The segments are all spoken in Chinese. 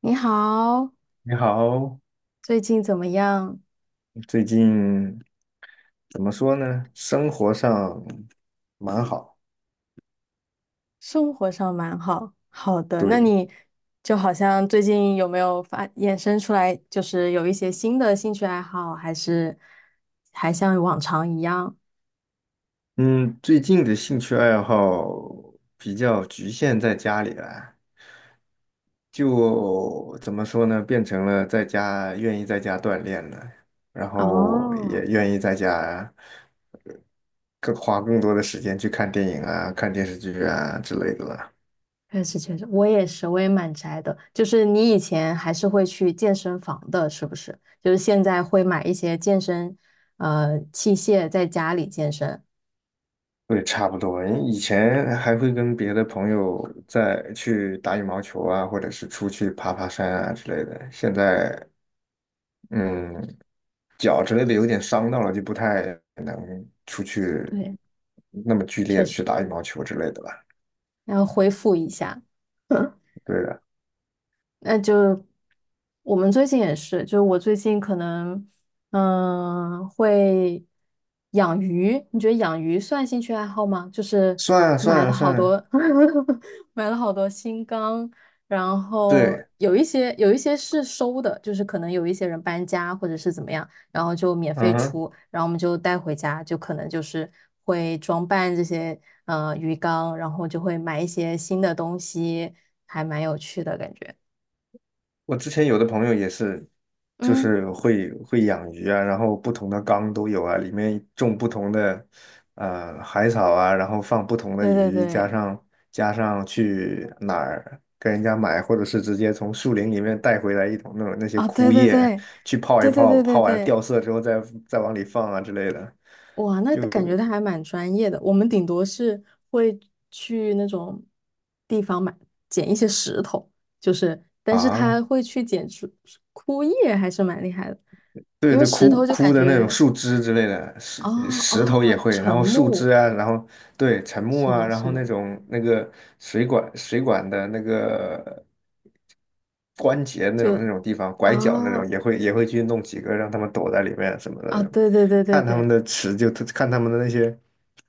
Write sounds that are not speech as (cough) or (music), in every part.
你好，你好，最近怎么样？最近怎么说呢？生活上蛮好，生活上蛮好。好的，那对，你就好像最近有没有发衍生出来，就是有一些新的兴趣爱好，还是还像往常一样？嗯，最近的兴趣爱好比较局限在家里了。就怎么说呢？变成了在家愿意在家锻炼了，然后也哦，愿意在家呃更花更多的时间去看电影啊、看电视剧啊之类的了。确实，我也是，我也蛮宅的。就是你以前还是会去健身房的，是不是？就是现在会买一些健身器械在家里健身。对，差不多。以前还会跟别的朋友再去打羽毛球啊，或者是出去爬爬山啊之类的。现在，嗯，脚之类的有点伤到了，就不太能出去对，那么剧烈确的去实，打羽毛球之类的吧。然后恢复一下。(laughs) 对的，那就我们最近也是，就我最近可能会养鱼，你觉得养鱼算兴趣爱好吗？就是算买了算好多 算，(laughs) 买了好多新缸，然后对，有一些是收的，就是可能有一些人搬家或者是怎么样，然后就免嗯费哼。出，然后我们就带回家，就可能就是会装扮这些鱼缸，然后就会买一些新的东西，还蛮有趣的感觉。我之前有的朋友也是，就嗯，是会养鱼啊，然后不同的缸都有啊，里面种不同的海草啊，然后放不同的对对鱼，加对，上去哪儿跟人家买，或者是直接从树林里面带回来一桶那种那些啊，枯对对叶对，去泡一对对泡，对对泡完了掉对，色之后再往里放啊之类的，哇，那就感觉他还蛮专业的。我们顶多是会去那种地方买捡一些石头，就是，但是啊。他会去捡出枯叶，还是蛮厉害的。对因为对，石枯头就枯感的那种觉，树枝之类的，哦石头也哦，会，然沉后树枝木，啊，然后对沉木是啊，的，然是后那的，种那个水管的那个关节那就种地方，拐角那种啊也会去弄几个，让他们躲在里面什么的啊，那种对对对对对，看他们的那些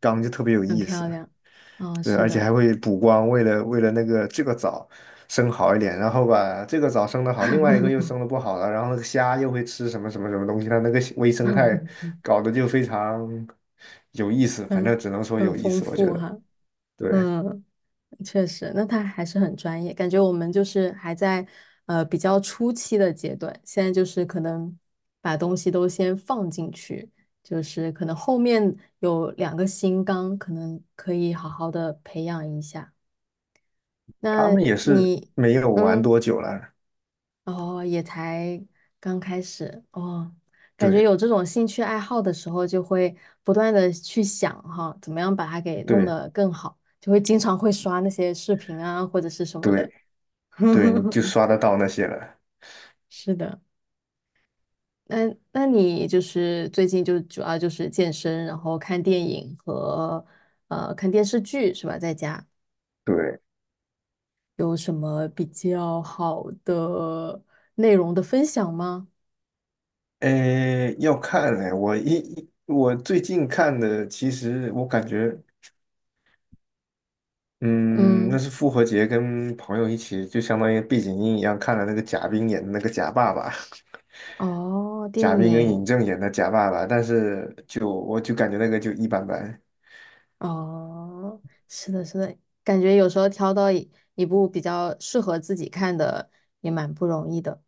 缸就特别有很意思。漂亮，对，是而且还的，会补光，为了那个这个藻生好一点，然后把这个藻生的好，另外一个又生的不好了，然后那个虾又会吃什么什么什么东西，它那个微生 (laughs) 态搞得就非常有意思，反正很只能说很有意丰思，我觉富得。哈，对，嗯。确实，那他还是很专业，感觉我们就是还在比较初期的阶段，现在就是可能把东西都先放进去，就是可能后面有两个新纲，可能可以好好的培养一下。他那们也是你，没有玩嗯，多久了，哦，也才刚开始哦，感觉对有这种兴趣爱好的时候，就会不断的去想哈，怎么样把它给弄对得更好，就会经常会刷那些视频啊，或者是什么对的。对，你就 (laughs) 刷得到那些了。是的，那你就是最近就主要就是健身，然后看电影和看电视剧是吧？在家对，有什么比较好的内容的分享吗？诶，要看嘞，我一一我最近看的，其实我感觉。嗯，那嗯，是复活节跟朋友一起，就相当于背景音一样看了那个贾冰演的那个贾爸爸，哦，(laughs) 贾电冰跟尹影，正演的贾爸爸，但是就我就感觉那个就一般般。哦，是的，是的，感觉有时候挑到一部比较适合自己看的也蛮不容易的。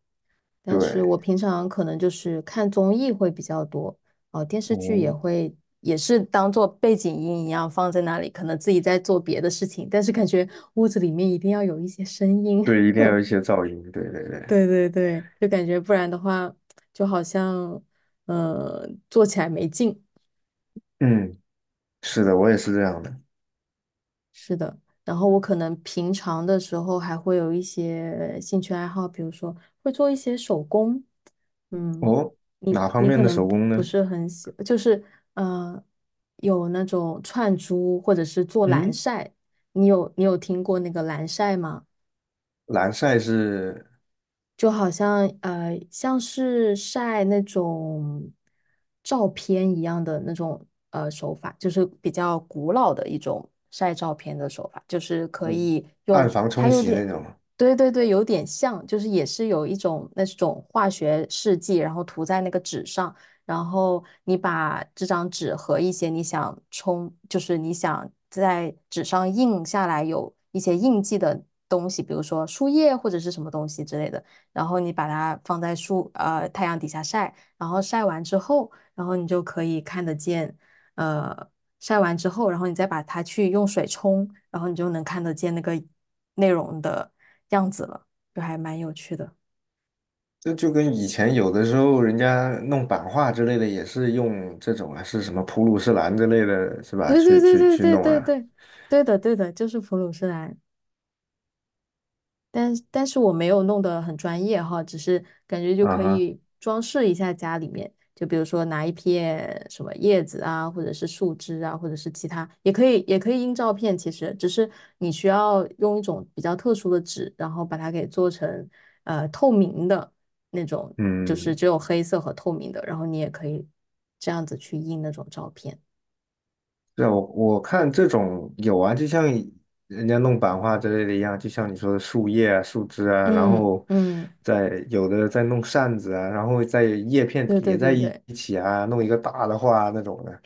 但是对，我平常可能就是看综艺会比较多，哦，电视剧也哦，会，也是当做背景音一样放在那里，可能自己在做别的事情，但是感觉屋子里面一定要有一些声音。对，一定 (laughs) 要有一些噪音。对对对，对对对，就感觉不然的话，就好像嗯，做起来没劲。嗯，是的，我也是这样的。是的，然后我可能平常的时候还会有一些兴趣爱好，比如说会做一些手工。嗯，哦，你哪方你面可的能手不工不呢？是很喜，就是呃，有那种串珠或者是做蓝嗯，晒，你有听过那个蓝晒吗？蓝晒是就好像，像是晒那种照片一样的那种手法，就是比较古老的一种晒照片的手法，就是可嗯以暗用房它冲有洗那点，种。对对对，有点像，就是也是有一种那种化学试剂，然后涂在那个纸上，然后你把这张纸和一些你想冲，就是你想在纸上印下来有一些印记的东西，比如说树叶或者是什么东西之类的。然后你把它放在太阳底下晒，然后晒完之后，然后你就可以看得见，呃，晒完之后，然后你再把它去用水冲，然后你就能看得见那个内容的样子了，就还蛮有趣的。这就跟以前有的时候人家弄版画之类的，也是用这种啊，是什么普鲁士蓝之类的，是吧？对对对去对对弄对啊，对，对的对的，就是普鲁士蓝。但是我没有弄得很专业哈，只是感觉就啊可哈，以装饰一下家里面，就比如说拿一片什么叶子啊，或者是树枝啊，或者是其他，也可以印照片，其实只是你需要用一种比较特殊的纸，然后把它给做成透明的那种，就是嗯，只有黑色和透明的，然后你也可以这样子去印那种照片。对啊我看这种有啊，就像人家弄版画之类的一样，就像你说的树叶啊、树枝啊，然嗯后嗯，再有的再弄扇子啊，然后再叶片对对叠在对一对。起啊，弄一个大的画啊那种的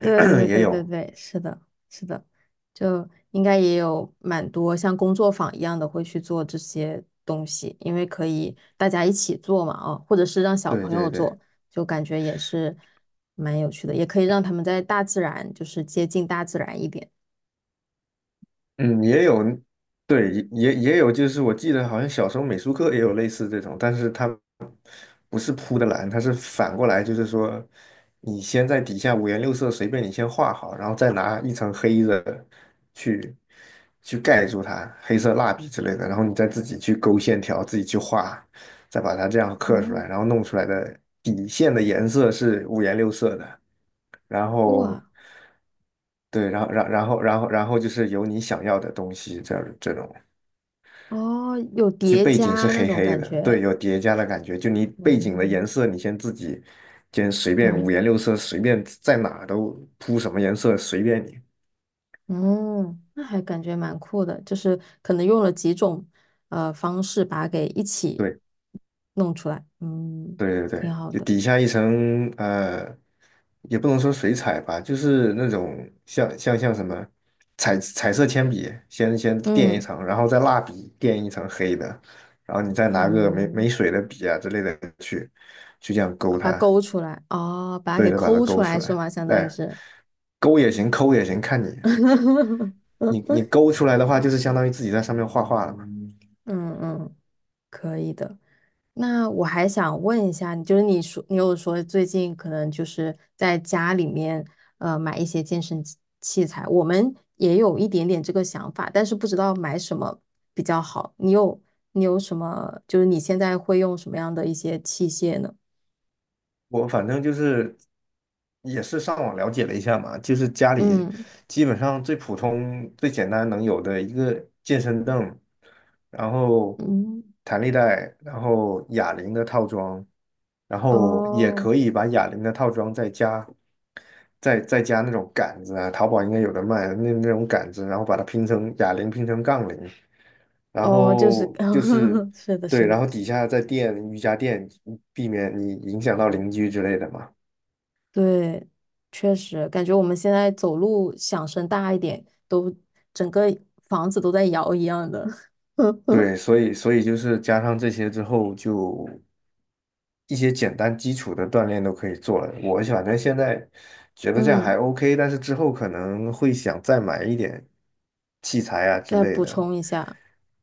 对 (coughs) (clears throat) 对也对对有，对，是的，是的，就应该也有蛮多像工作坊一样的会去做这些东西，因为可以大家一起做嘛，啊，或者是让小对朋对友对。做，就感觉也是蛮有趣的，也可以让他们在大自然，就是接近大自然一点。嗯，也有，对，也有，就是我记得好像小时候美术课也有类似这种，但是它不是铺的蓝，它是反过来，就是说你先在底下五颜六色随便你先画好，然后再拿一层黑的去去盖住它，黑色蜡笔之类的，然后你再自己去勾线条，自己去画，再把它这样刻出来，哦，然后弄出来的底线的颜色是五颜六色的。然后哇，对，然后就是有你想要的东西，这种哦，有就叠背景是加那黑种黑感的，对，觉。有叠加的感觉。就你背景的哦，颜色，你先自己先随便五嗯。颜六色，随便在哪都铺什么颜色随便你。嗯，那还感觉蛮酷的，就是可能用了几种方式把它给一起对。弄出来，嗯，对对挺对，好就的。底下一层，也不能说水彩吧，就是那种像什么彩色铅笔，先垫一嗯，层，然后再蜡笔垫一层黑的，然后你再拿个哦，没水的笔啊之类的去这样把勾它它，勾出来，哦，把它对给着把它抠出勾来出是来。吗？相当于对，是，勾也行，抠也行，看你 (laughs) 勾出来的话，就是相当于自己在上面画画了嘛。嗯嗯，可以的。那我还想问一下，就是你说你有说最近可能就是在家里面买一些健身器材，我们也有一点点这个想法，但是不知道买什么比较好。你有你有什么？就是你现在会用什么样的一些器械呢？我反正就是也是上网了解了一下嘛，就是家里嗯基本上最普通、最简单能有的一个健身凳，然后嗯，弹力带，然后哑铃的套装，然后也哦可以把哑铃的套装再加那种杆子啊，淘宝应该有的卖那种杆子，然后把它拼成杠铃，然哦，就是 后就是 (laughs) 是的，是对，然的。后底下再垫瑜伽垫，避免你影响到邻居之类的嘛。对，确实感觉我们现在走路响声大一点，都整个房子都在摇一样的。(laughs) 对，所以就是加上这些之后，就一些简单基础的锻炼都可以做了。我反正现在觉得这样还 嗯，OK，但是之后可能会想再买一点器材啊之再类补的。充一下。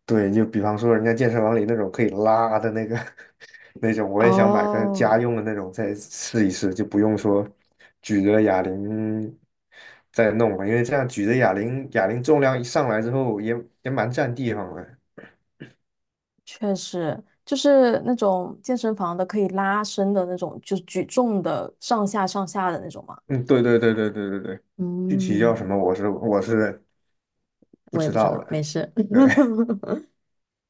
对，就比方说人家健身房里那种可以拉的那个 (laughs) 那种，我也想买个哦，家用的那种再试一试，就不用说举着哑铃再弄了，因为这样举着哑铃，哑铃重量一上来之后也蛮占地方的。确实，就是那种健身房的可以拉伸的那种，就是举重的上下上下的那种嘛。嗯，对对对对对对对，具体叫什嗯，么我是不我也知不知道道，没了。事。对，(laughs)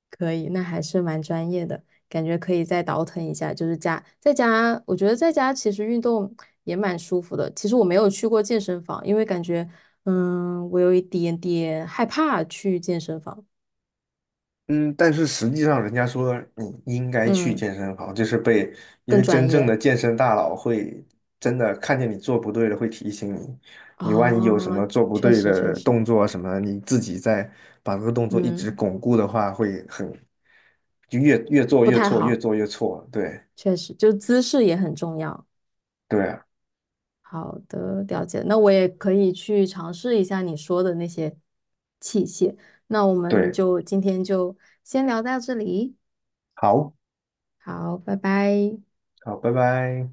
可以，那还是蛮专业的，感觉可以再倒腾一下。就是家在家，我觉得在家其实运动也蛮舒服的。其实我没有去过健身房，因为感觉，嗯，我有一点点害怕去健身房。嗯，但是实际上，人家说你应该去嗯，健身房，就是被，因更为专真正业。的健身大佬会真的看见你做不对了，会提醒你，你万一有什哦，么做不确对实确的实，动作什么，你自己再把这个动作一直嗯，巩固的话，会很，就越做不越太错，越好，做越错。对，确实，就姿势也很重要。对啊，好的，了解。那我也可以去尝试一下你说的那些器械。那我们对，就今天就先聊到这里，好，好，拜拜。好，拜拜。